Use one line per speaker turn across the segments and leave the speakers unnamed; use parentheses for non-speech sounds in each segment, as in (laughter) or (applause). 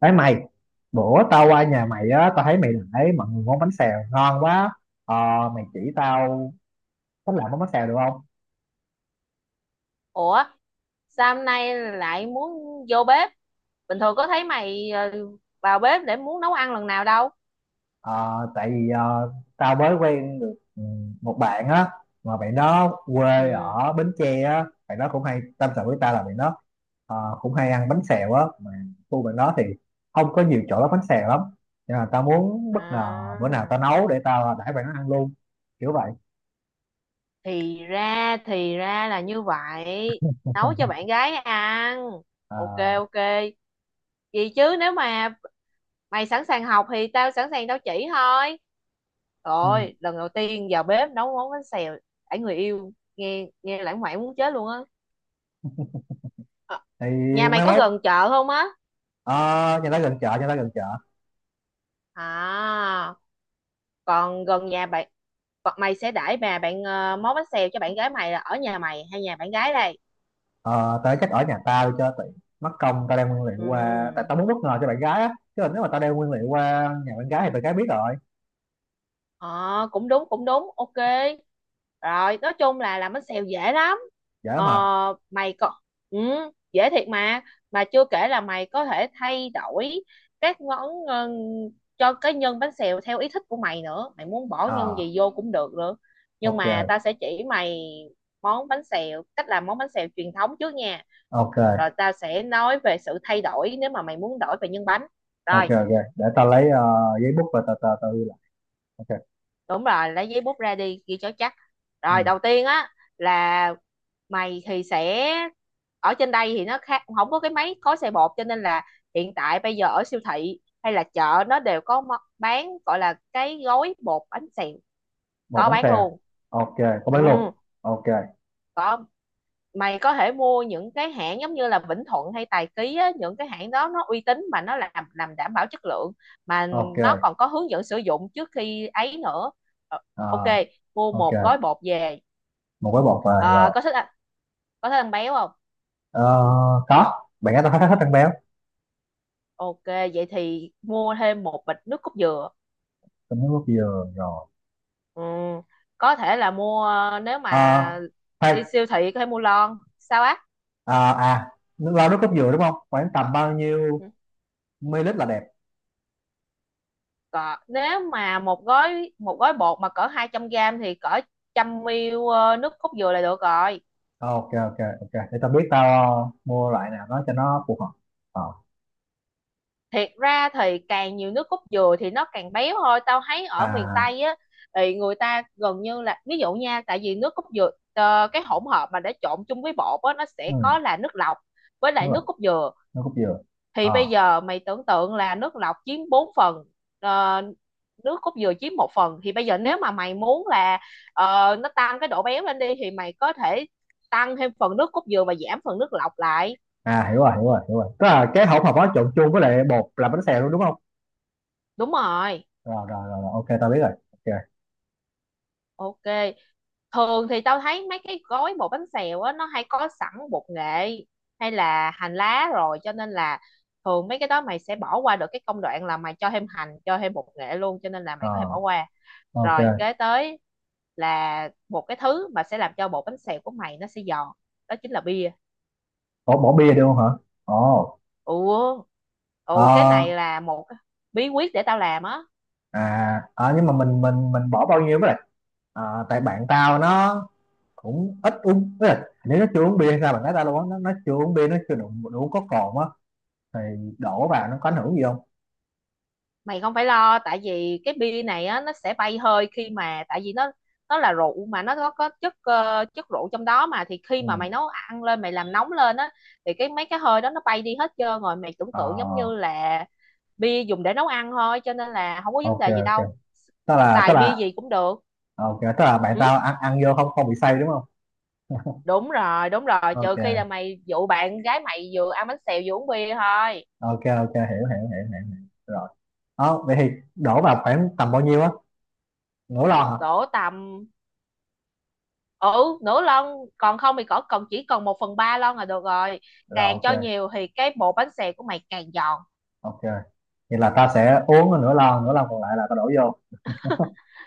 Đấy mày, bữa tao qua nhà mày á, tao thấy mày để mọi người món bánh xèo ngon quá. Ờ, mày chỉ tao cách làm món bánh xèo được không?
ủa Sao hôm nay lại muốn vô bếp? Bình thường có thấy mày vào bếp để muốn nấu ăn lần nào đâu.
Ờ, tại vì tao mới quen được một bạn á, mà bạn đó quê
Ừ,
ở Bến Tre á, bạn đó cũng hay tâm sự với tao là bạn đó cũng hay ăn bánh xèo á, mà khu bạn đó thì không có nhiều chỗ bán bánh xèo lắm. Nên là tao muốn bất ngờ bữa nào tao
à,
nấu để tao đãi bạn nó ăn luôn, kiểu vậy.
thì ra là như vậy. Nấu cho bạn
(laughs)
gái ăn.
Ờ,
Ok, ok, gì chứ nếu mà mày sẵn sàng học thì tao sẵn sàng tao chỉ thôi.
ừ.
Rồi lần đầu tiên vào bếp nấu món bánh xèo đãi người yêu, nghe nghe lãng mạn muốn chết luôn á. Ờ,
Thì
nhà mày
mai
có
mốt,
gần chợ không á?
ờ, nhà ta gần chợ, nhà ta gần chợ.
À, còn gần nhà bạn, còn mày sẽ đãi bà bạn món bánh xèo cho bạn gái mày là ở nhà mày hay nhà bạn gái đây?
Ờ, tao chắc ở nhà tao cho tiện. Mất công tao đem nguyên liệu qua, tại
Ừ,
tao muốn bất ngờ cho bạn gái á. Chứ là nếu mà tao đem nguyên liệu qua nhà bạn gái thì bạn gái biết rồi.
ờ cũng đúng cũng đúng, ok. Rồi nói chung là làm bánh xèo dễ lắm.
Dễ
ờ
mà.
Mày có, ừ, dễ thiệt mà chưa kể là mày có thể thay đổi các món cho cái nhân bánh xèo theo ý thích của mày nữa, mày muốn bỏ nhân
Ờ,
gì vô cũng được nữa. Nhưng
ok,
mà ta sẽ chỉ mày món bánh xèo, cách làm món bánh xèo truyền thống trước nha, rồi
ok,
tao sẽ nói về sự thay đổi nếu mà mày muốn đổi về nhân bánh.
ok,
Rồi,
ok. Để tao lấy giấy bút và tờ tờ tao ghi lại. Ok,
đúng rồi, lấy giấy bút ra đi ghi cho chắc.
ừ.
Rồi đầu tiên á là mày thì sẽ, ở trên đây thì nó khác, không có cái máy gói xe bột cho nên là hiện tại bây giờ ở siêu thị hay là chợ nó đều có bán gọi là cái gói bột bánh xèo,
Một
có
bánh
bán
xèo.
luôn.
Ok, có
Ừ,
bánh luộc. Ok,
có, mày có thể mua những cái hãng giống như là Vĩnh Thuận hay Tài Ký á, những cái hãng đó nó uy tín mà nó làm đảm bảo chất lượng, mà nó
ok,
còn có hướng dẫn sử dụng trước khi ấy nữa. Ờ,
ờ,
ok, mua
ok.
một gói bột về.
Một gói bột về
Ờ,
rồi.
có thích ăn, có thích ăn béo không?
Ờ, có. Bạn gái tao hết hết ăn béo.
Ok, vậy thì mua thêm một bịch nước cốt dừa.
Tao muốn nước dừa rồi.
Ừ, có thể là mua, nếu
Ờ,
mà
khoan,
đi siêu thị có thể mua lon sao á.
à, nước lau nước cốt dừa đúng không, khoảng tầm bao nhiêu
Ừ,
ml là đẹp?
cỡ nếu mà một gói bột mà cỡ 200 gram thì cỡ 100 ml nước cốt dừa là được rồi.
Ok, ok, ok, để tao biết tao mua loại nào đó cho nó phù hợp. Ờ,
Thiệt ra thì càng nhiều nước cốt dừa thì nó càng béo thôi, tao thấy ở miền
à,
Tây á thì người ta gần như là, ví dụ nha, tại vì nước cốt dừa cái hỗn hợp mà để trộn chung với bột á nó
ừ,
sẽ có là nước lọc với
nước
lại nước
lọc,
cốt dừa,
nước cốt dừa.
thì bây
Ờ,
giờ mày tưởng tượng là nước lọc chiếm 4 phần, ờ, nước cốt dừa chiếm 1 phần, thì bây giờ nếu mà mày muốn là nó tăng cái độ béo lên đi thì mày có thể tăng thêm phần nước cốt dừa và giảm phần nước lọc lại.
à, hiểu rồi, hiểu rồi, hiểu rồi, tức là cái hỗn hợp đó trộn chung với lại bột làm bánh xèo luôn đúng không?
Đúng rồi.
Rồi, rồi, rồi, rồi. Ok tao biết rồi, ok.
Ok. Thường thì tao thấy mấy cái gói bột bánh xèo á nó hay có sẵn bột nghệ hay là hành lá rồi, cho nên là thường mấy cái đó mày sẽ bỏ qua được cái công đoạn là mày cho thêm hành, cho thêm bột nghệ luôn, cho nên là mày có thể bỏ
Ờ,
qua. Rồi
ok.
kế tới là một cái thứ mà sẽ làm cho bột bánh xèo của mày nó sẽ giòn, đó chính là bia.
Ủa, bỏ bia được không hả? Ồ,
Ủa, ồ cái này
ờ,
là một bí quyết để tao làm á.
à, à, nhưng mà mình bỏ bao nhiêu với lại, à, tại bạn tao nó cũng ít uống. Tức là nếu nó chưa uống bia hay sao mà nói ta luôn á, nó chưa uống bia, nó chưa đủ, có cồn á, thì đổ vào nó có ảnh hưởng gì không?
Mày không phải lo tại vì cái bia này á nó sẽ bay hơi khi mà, tại vì nó là rượu mà nó có chất chất rượu trong đó mà, thì khi
Ừ.
mà mày nấu ăn lên mày làm nóng lên á thì cái mấy cái hơi đó nó bay đi hết trơn rồi, mày tưởng
Ờ,
tượng giống như là bia dùng để nấu ăn thôi cho nên là không có vấn
ok,
đề gì
ok.
đâu,
tức là tức
xài bia
là
gì cũng được.
ok, tức là bạn
Ừ,
tao ăn ăn vô không, không bị say đúng không?
đúng rồi đúng rồi, trừ khi là
Ok,
mày dụ bạn gái mày vừa ăn bánh xèo vừa uống bia thôi.
ok, ok, hiểu, hiểu, hiểu, hiểu, hiểu. Rồi, đó vậy thì đổ vào khoảng tầm bao nhiêu á, nửa lon hả?
Đổ tầm, ừ, nửa lon, còn không thì cỡ còn chỉ còn 1/3 lon là được rồi,
Rồi,
càng
ok.
cho nhiều thì cái bột bánh xèo của mày càng giòn.
Ok, vậy là tao sẽ uống nửa lon, nửa lon còn lại là tao đổ vô.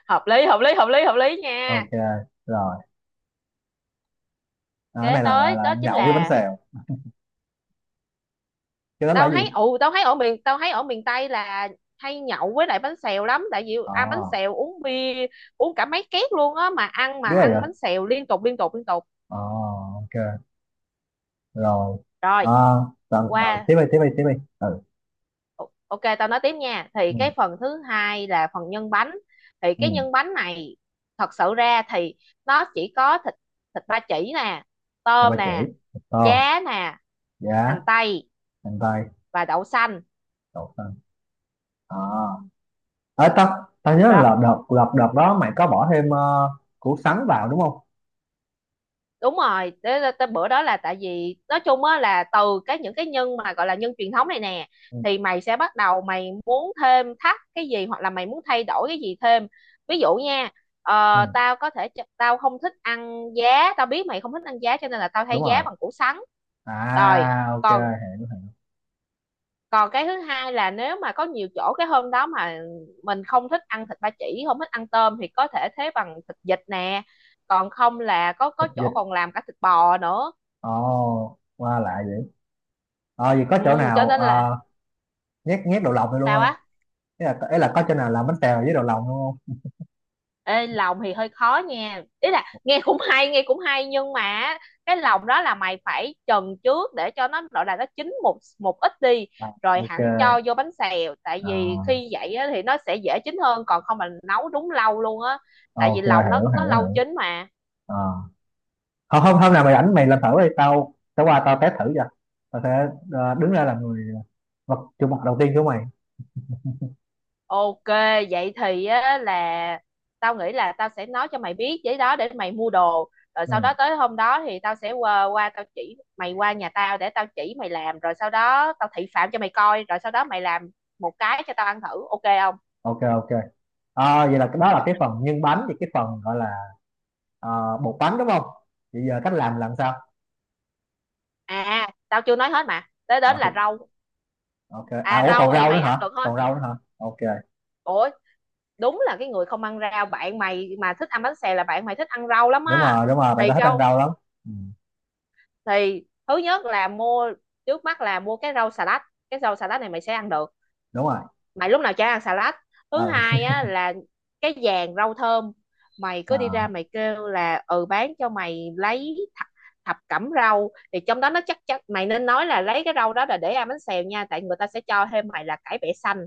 Hợp lý hợp lý hợp lý hợp lý nha.
Ok. Rồi. Ờ, cái
Kế
này là gọi
tới
là
đó chính
nhậu với bánh
là,
xèo, cái đó là
tao
cái
thấy,
gì?
ừ, tao thấy ở miền Tây là hay nhậu với lại bánh xèo lắm tại vì
Ờ,
ăn bánh xèo uống bia uống cả mấy két luôn á, mà ăn, mà
biết
ăn
rồi.
bánh xèo liên tục liên tục liên tục.
Ờ, ok. Rồi
Rồi,
à, tao, à,
qua,
tiếp đi, tiếp đi, tiếp đi. Ừ.
Ok tao nói tiếp nha, thì
Ừ.
cái phần thứ hai là phần nhân bánh, thì
Ừ.
cái nhân bánh này thật sự ra thì nó chỉ có thịt, thịt ba chỉ nè,
Tao, ba
tôm
chỉ,
nè,
tôm,
giá nè,
giá,
hành tây
hành tây,
và đậu xanh.
đậu xanh. À, à, tao tao nhớ
Rồi,
là đợt đợt đợt đó mày có bỏ thêm củ sắn vào đúng không?
đúng rồi, tới bữa đó là tại vì nói chung á là từ cái những cái nhân mà gọi là nhân truyền thống này nè
Ừ,
thì mày sẽ bắt đầu mày muốn thêm thắt cái gì hoặc là mày muốn thay đổi cái gì thêm. Ví dụ nha,
ừ,
tao có thể tao không thích ăn giá, tao biết mày không thích ăn giá, cho nên là tao thay
đúng
giá
rồi.
bằng củ sắn. Rồi
À ok.
còn, còn cái thứ hai là nếu mà có nhiều chỗ cái hôm đó mà mình không thích ăn thịt ba chỉ, không thích ăn tôm thì có thể thế bằng thịt vịt nè, còn không là có
Thịt vịt?
chỗ còn làm cả thịt bò nữa.
Ồ qua lạ vậy. Ờ vậy có chỗ
Ừ, cho
nào
nên là
nhét nhét đậu lòng này luôn
sao á.
không? Ý là, ý là có chỗ nào làm bánh tèo với đậu lòng luôn không?
Ê, lòng thì hơi khó nha, ý là nghe cũng hay nhưng mà cái lòng đó là mày phải trần trước để cho nó gọi là nó chín một một ít đi
À,
rồi
ok.
hẳn cho vô bánh xèo, tại vì
À,
khi vậy á thì nó sẽ dễ chín hơn, còn không mà nấu đúng lâu luôn á, tại vì
ok,
lòng nó
hiểu,
nó
hiểu,
lâu
hiểu.
chín mà.
Ờ. hôm hôm hôm nào mày rảnh mày làm thử đi, tao tao qua tao test thử cho. Tao sẽ đứng ra làm người, ờ, vật chủ mặt đầu tiên của mày.
Ok, vậy thì á, là tao nghĩ là tao sẽ nói cho mày biết giấy đó để mày mua đồ. Rồi sau
Ừ,
đó tới hôm đó thì tao sẽ qua, qua tao chỉ mày, qua nhà tao để tao chỉ mày làm. Rồi sau đó tao thị phạm cho mày coi. Rồi sau đó mày làm một cái cho tao ăn thử. Ok không?
ok, ok. À, vậy là cái đó là cái phần nhân bánh, thì cái phần gọi là ờ, bột bánh đúng không? Vậy giờ cách làm sao?
À, tao chưa nói hết mà. Tới đến
Ờ, thì-
là rau.
ok, à,
À
ủa, còn
rau thì
rau nữa
mày ăn
hả,
được hết.
còn rau nữa hả? Ok.
Ủa, đúng là cái người không ăn rau. Bạn mày mà thích ăn bánh xèo là bạn mày thích ăn rau lắm
Đúng
á.
rồi, đúng rồi, bạn
Thì
tao thích ăn
câu,
rau lắm. Ừ,
thì thứ nhất là mua, trước mắt là mua cái rau xà lách, cái rau xà lách này mày sẽ ăn được,
đúng rồi.
mày lúc nào chả ăn xà lách. Thứ
Ờ, (laughs)
hai á là cái vàng rau thơm, mày
ờ,
cứ đi ra mày kêu là ừ bán cho mày lấy thập, thập cẩm rau thì trong đó nó chắc chắc, mày nên nói là lấy cái rau đó là để ăn bánh xèo nha tại người ta sẽ cho thêm mày là cải bẹ xanh.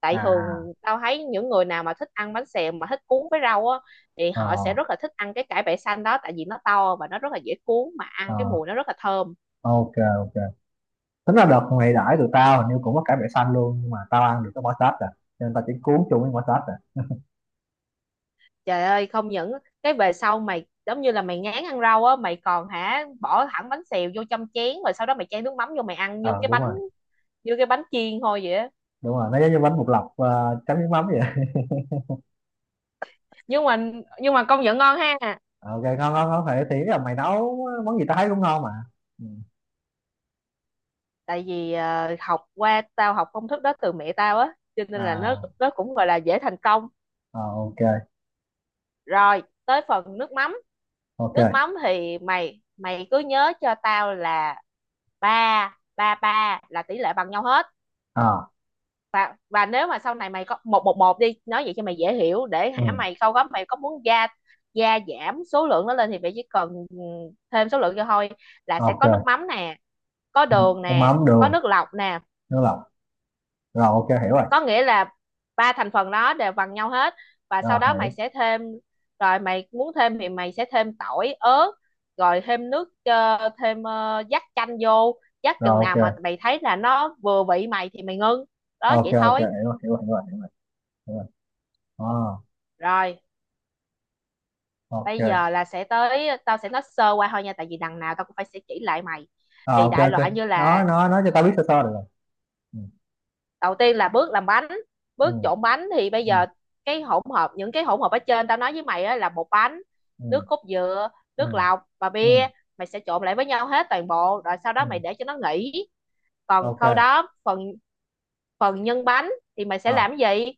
Tại thường
à,
tao thấy những người nào mà thích ăn bánh xèo mà thích cuốn với rau á thì
ờ,
họ sẽ rất là thích ăn cái cải bẹ xanh đó, tại vì nó to và nó rất là dễ cuốn mà ăn, cái
ờ,
mùi nó rất là thơm.
ok, ok. Tính là đợt mày đãi tụi tao hình như cũng có cải bẹ xanh luôn, nhưng mà tao ăn được cái bỏ sát rồi, cho nên tao chỉ cuốn chung với bỏ sát.
Trời ơi không những cái về sau mày giống như là mày ngán ăn rau á mày còn hả bỏ thẳng bánh xèo vô trong chén rồi sau đó mày chan nước mắm vô mày ăn như
Ờ
cái
đúng
bánh,
rồi,
như cái bánh chiên thôi vậy á.
đúng rồi, nó giống như bánh bột lọc chấm nước mắm vậy.
Nhưng mà, nhưng mà công nhận ngon ha.
Ờ, ok, ngon, ngon, ngon phải, thì ý là mày nấu món gì tao thấy cũng ngon mà. Ừ.
Tại vì học qua, tao học công thức đó từ mẹ tao á cho nên là nó
À,
nó cũng gọi là dễ thành công.
ờ, ok,
Rồi tới phần nước mắm.
ok.
Nước mắm thì mày mày cứ nhớ cho tao là ba ba ba là tỷ lệ bằng nhau hết.
À,
Và nếu mà sau này mày có một một một đi nói vậy cho mày dễ hiểu để hả,
ừ,
mày sau đó mày có muốn gia, gia giảm số lượng nó lên thì mày chỉ cần, ừ, thêm số lượng cho thôi, là sẽ có nước
ok.
mắm nè, có
Ừ.
đường
Nước
nè,
mắm,
có
đường,
nước lọc nè.
nước lọc. Rồi ok, hiểu rồi,
Có nghĩa là ba thành phần đó đều bằng nhau hết, và sau
rồi
đó mày
hiểu
sẽ thêm. Rồi mày muốn thêm thì mày sẽ thêm tỏi ớt, rồi thêm nước thêm dắt chanh vô, dắt
rồi.
chừng nào mà
Ok,
mày thấy là nó vừa vị mày thì mày ngưng. Đó,
ok,
vậy
ok, hiểu
thôi.
rồi, hiểu rồi, hiểu rồi, hiểu rồi, hiểu rồi. À,
Rồi bây
ok.
giờ là sẽ tới, tao sẽ nói sơ qua thôi nha tại vì đằng nào tao cũng phải sẽ chỉ lại mày.
Ờ,
Thì
ok,
đại
ok,
loại như
nói
là
nói nói cho tao biết sơ sơ được rồi. Ừ.
đầu tiên là bước làm bánh,
Ừ.
bước trộn bánh, thì bây
Ừ.
giờ cái hỗn hợp, những cái hỗn hợp ở trên tao nói với mày á, là bột bánh,
Ừ.
nước cốt dừa,
Ừ.
nước lọc và
Ừ.
bia, mày sẽ trộn lại với nhau hết toàn bộ rồi sau
Ừ.
đó mày để cho nó nghỉ. Còn
Ok.
sau đó phần, phần nhân bánh thì mày sẽ
Ờ.
làm cái gì,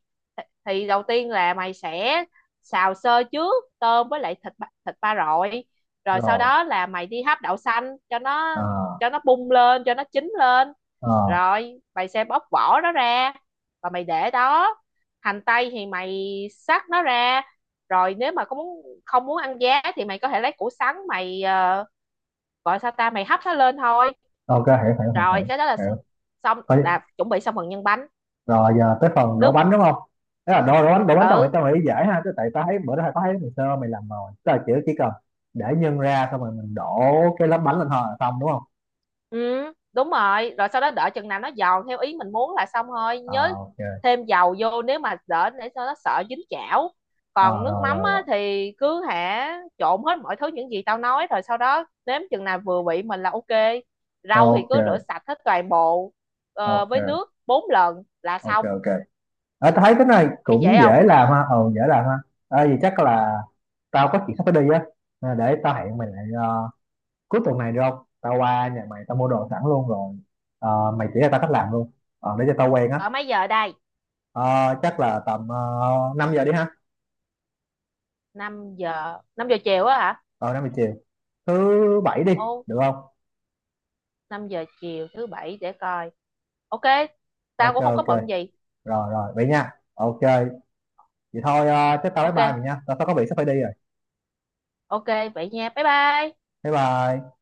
thì đầu tiên là mày sẽ xào sơ trước tôm với lại thịt thịt ba rọi, rồi sau
Rồi.
đó là mày đi hấp đậu xanh cho
Ờ,
nó, cho nó bung lên cho nó chín lên,
ờ,
rồi mày sẽ bóc vỏ nó ra và mày để đó. Hành tây thì mày xắt nó ra. Rồi nếu mà có muốn không muốn ăn giá thì mày có thể lấy củ sắn mày, gọi sao ta, mày hấp nó lên thôi.
ok, hiểu, hiểu, hiểu,
Rồi
hiểu,
cái đó là
hiểu.
xong,
Coi-
là chuẩn bị xong phần nhân bánh.
rồi giờ tới phần đổ
Nước,
bánh đúng không? Thế là đổ, đổ bánh, đổ bánh tao nghĩ,
ừ,
tao nghĩ dễ ha, chứ tại tao thấy bữa đó tao thấy ngày sơ, mày làm rồi, tức là chỉ cần để nhân ra xong rồi mình đổ cái lớp bánh lên thôi là xong đúng không?
ừ, đúng rồi, rồi sau đó đợi chừng nào nó giòn theo ý mình muốn là xong thôi, nhớ
À, ok.
thêm dầu vô nếu mà đỡ để cho nó sợ dính chảo.
À,
Còn nước
rồi,
mắm
rồi,
á,
rồi.
thì cứ hả trộn hết mọi thứ những gì tao nói rồi sau đó nếm chừng nào vừa vị mình là ok. Rau thì cứ rửa
Ok.
sạch hết toàn bộ với
Ok,
nước 4 lần là
ok,
xong.
ok. À, tao thấy cái này
Thấy
cũng
dễ không?
dễ làm ha, ừ dễ làm ha. À, vì chắc là tao có chuyện sắp phải đi á, à, để tao hẹn mày lại cuối tuần này được không, tao qua nhà mày tao mua đồ sẵn luôn rồi. Ờ, mày chỉ cho tao cách làm luôn. Ờ, để cho tao quen á.
Ở mấy giờ đây?
Ờ, chắc là tầm 5 giờ đi ha.
Năm giờ, 5 giờ chiều á hả?
Ờ 5 giờ chiều. Thứ bảy đi,
Ồ,
được không?
5 giờ chiều thứ bảy để coi. Ok, tao
Ok,
cũng không có
ok.
bận gì.
Rồi, rồi, vậy nha. Ok, vậy thôi chắc tao bye
Ok,
bye mình nha. Tao tao có việc sắp phải đi rồi.
Ok vậy nha. Bye bye.
Bye bye.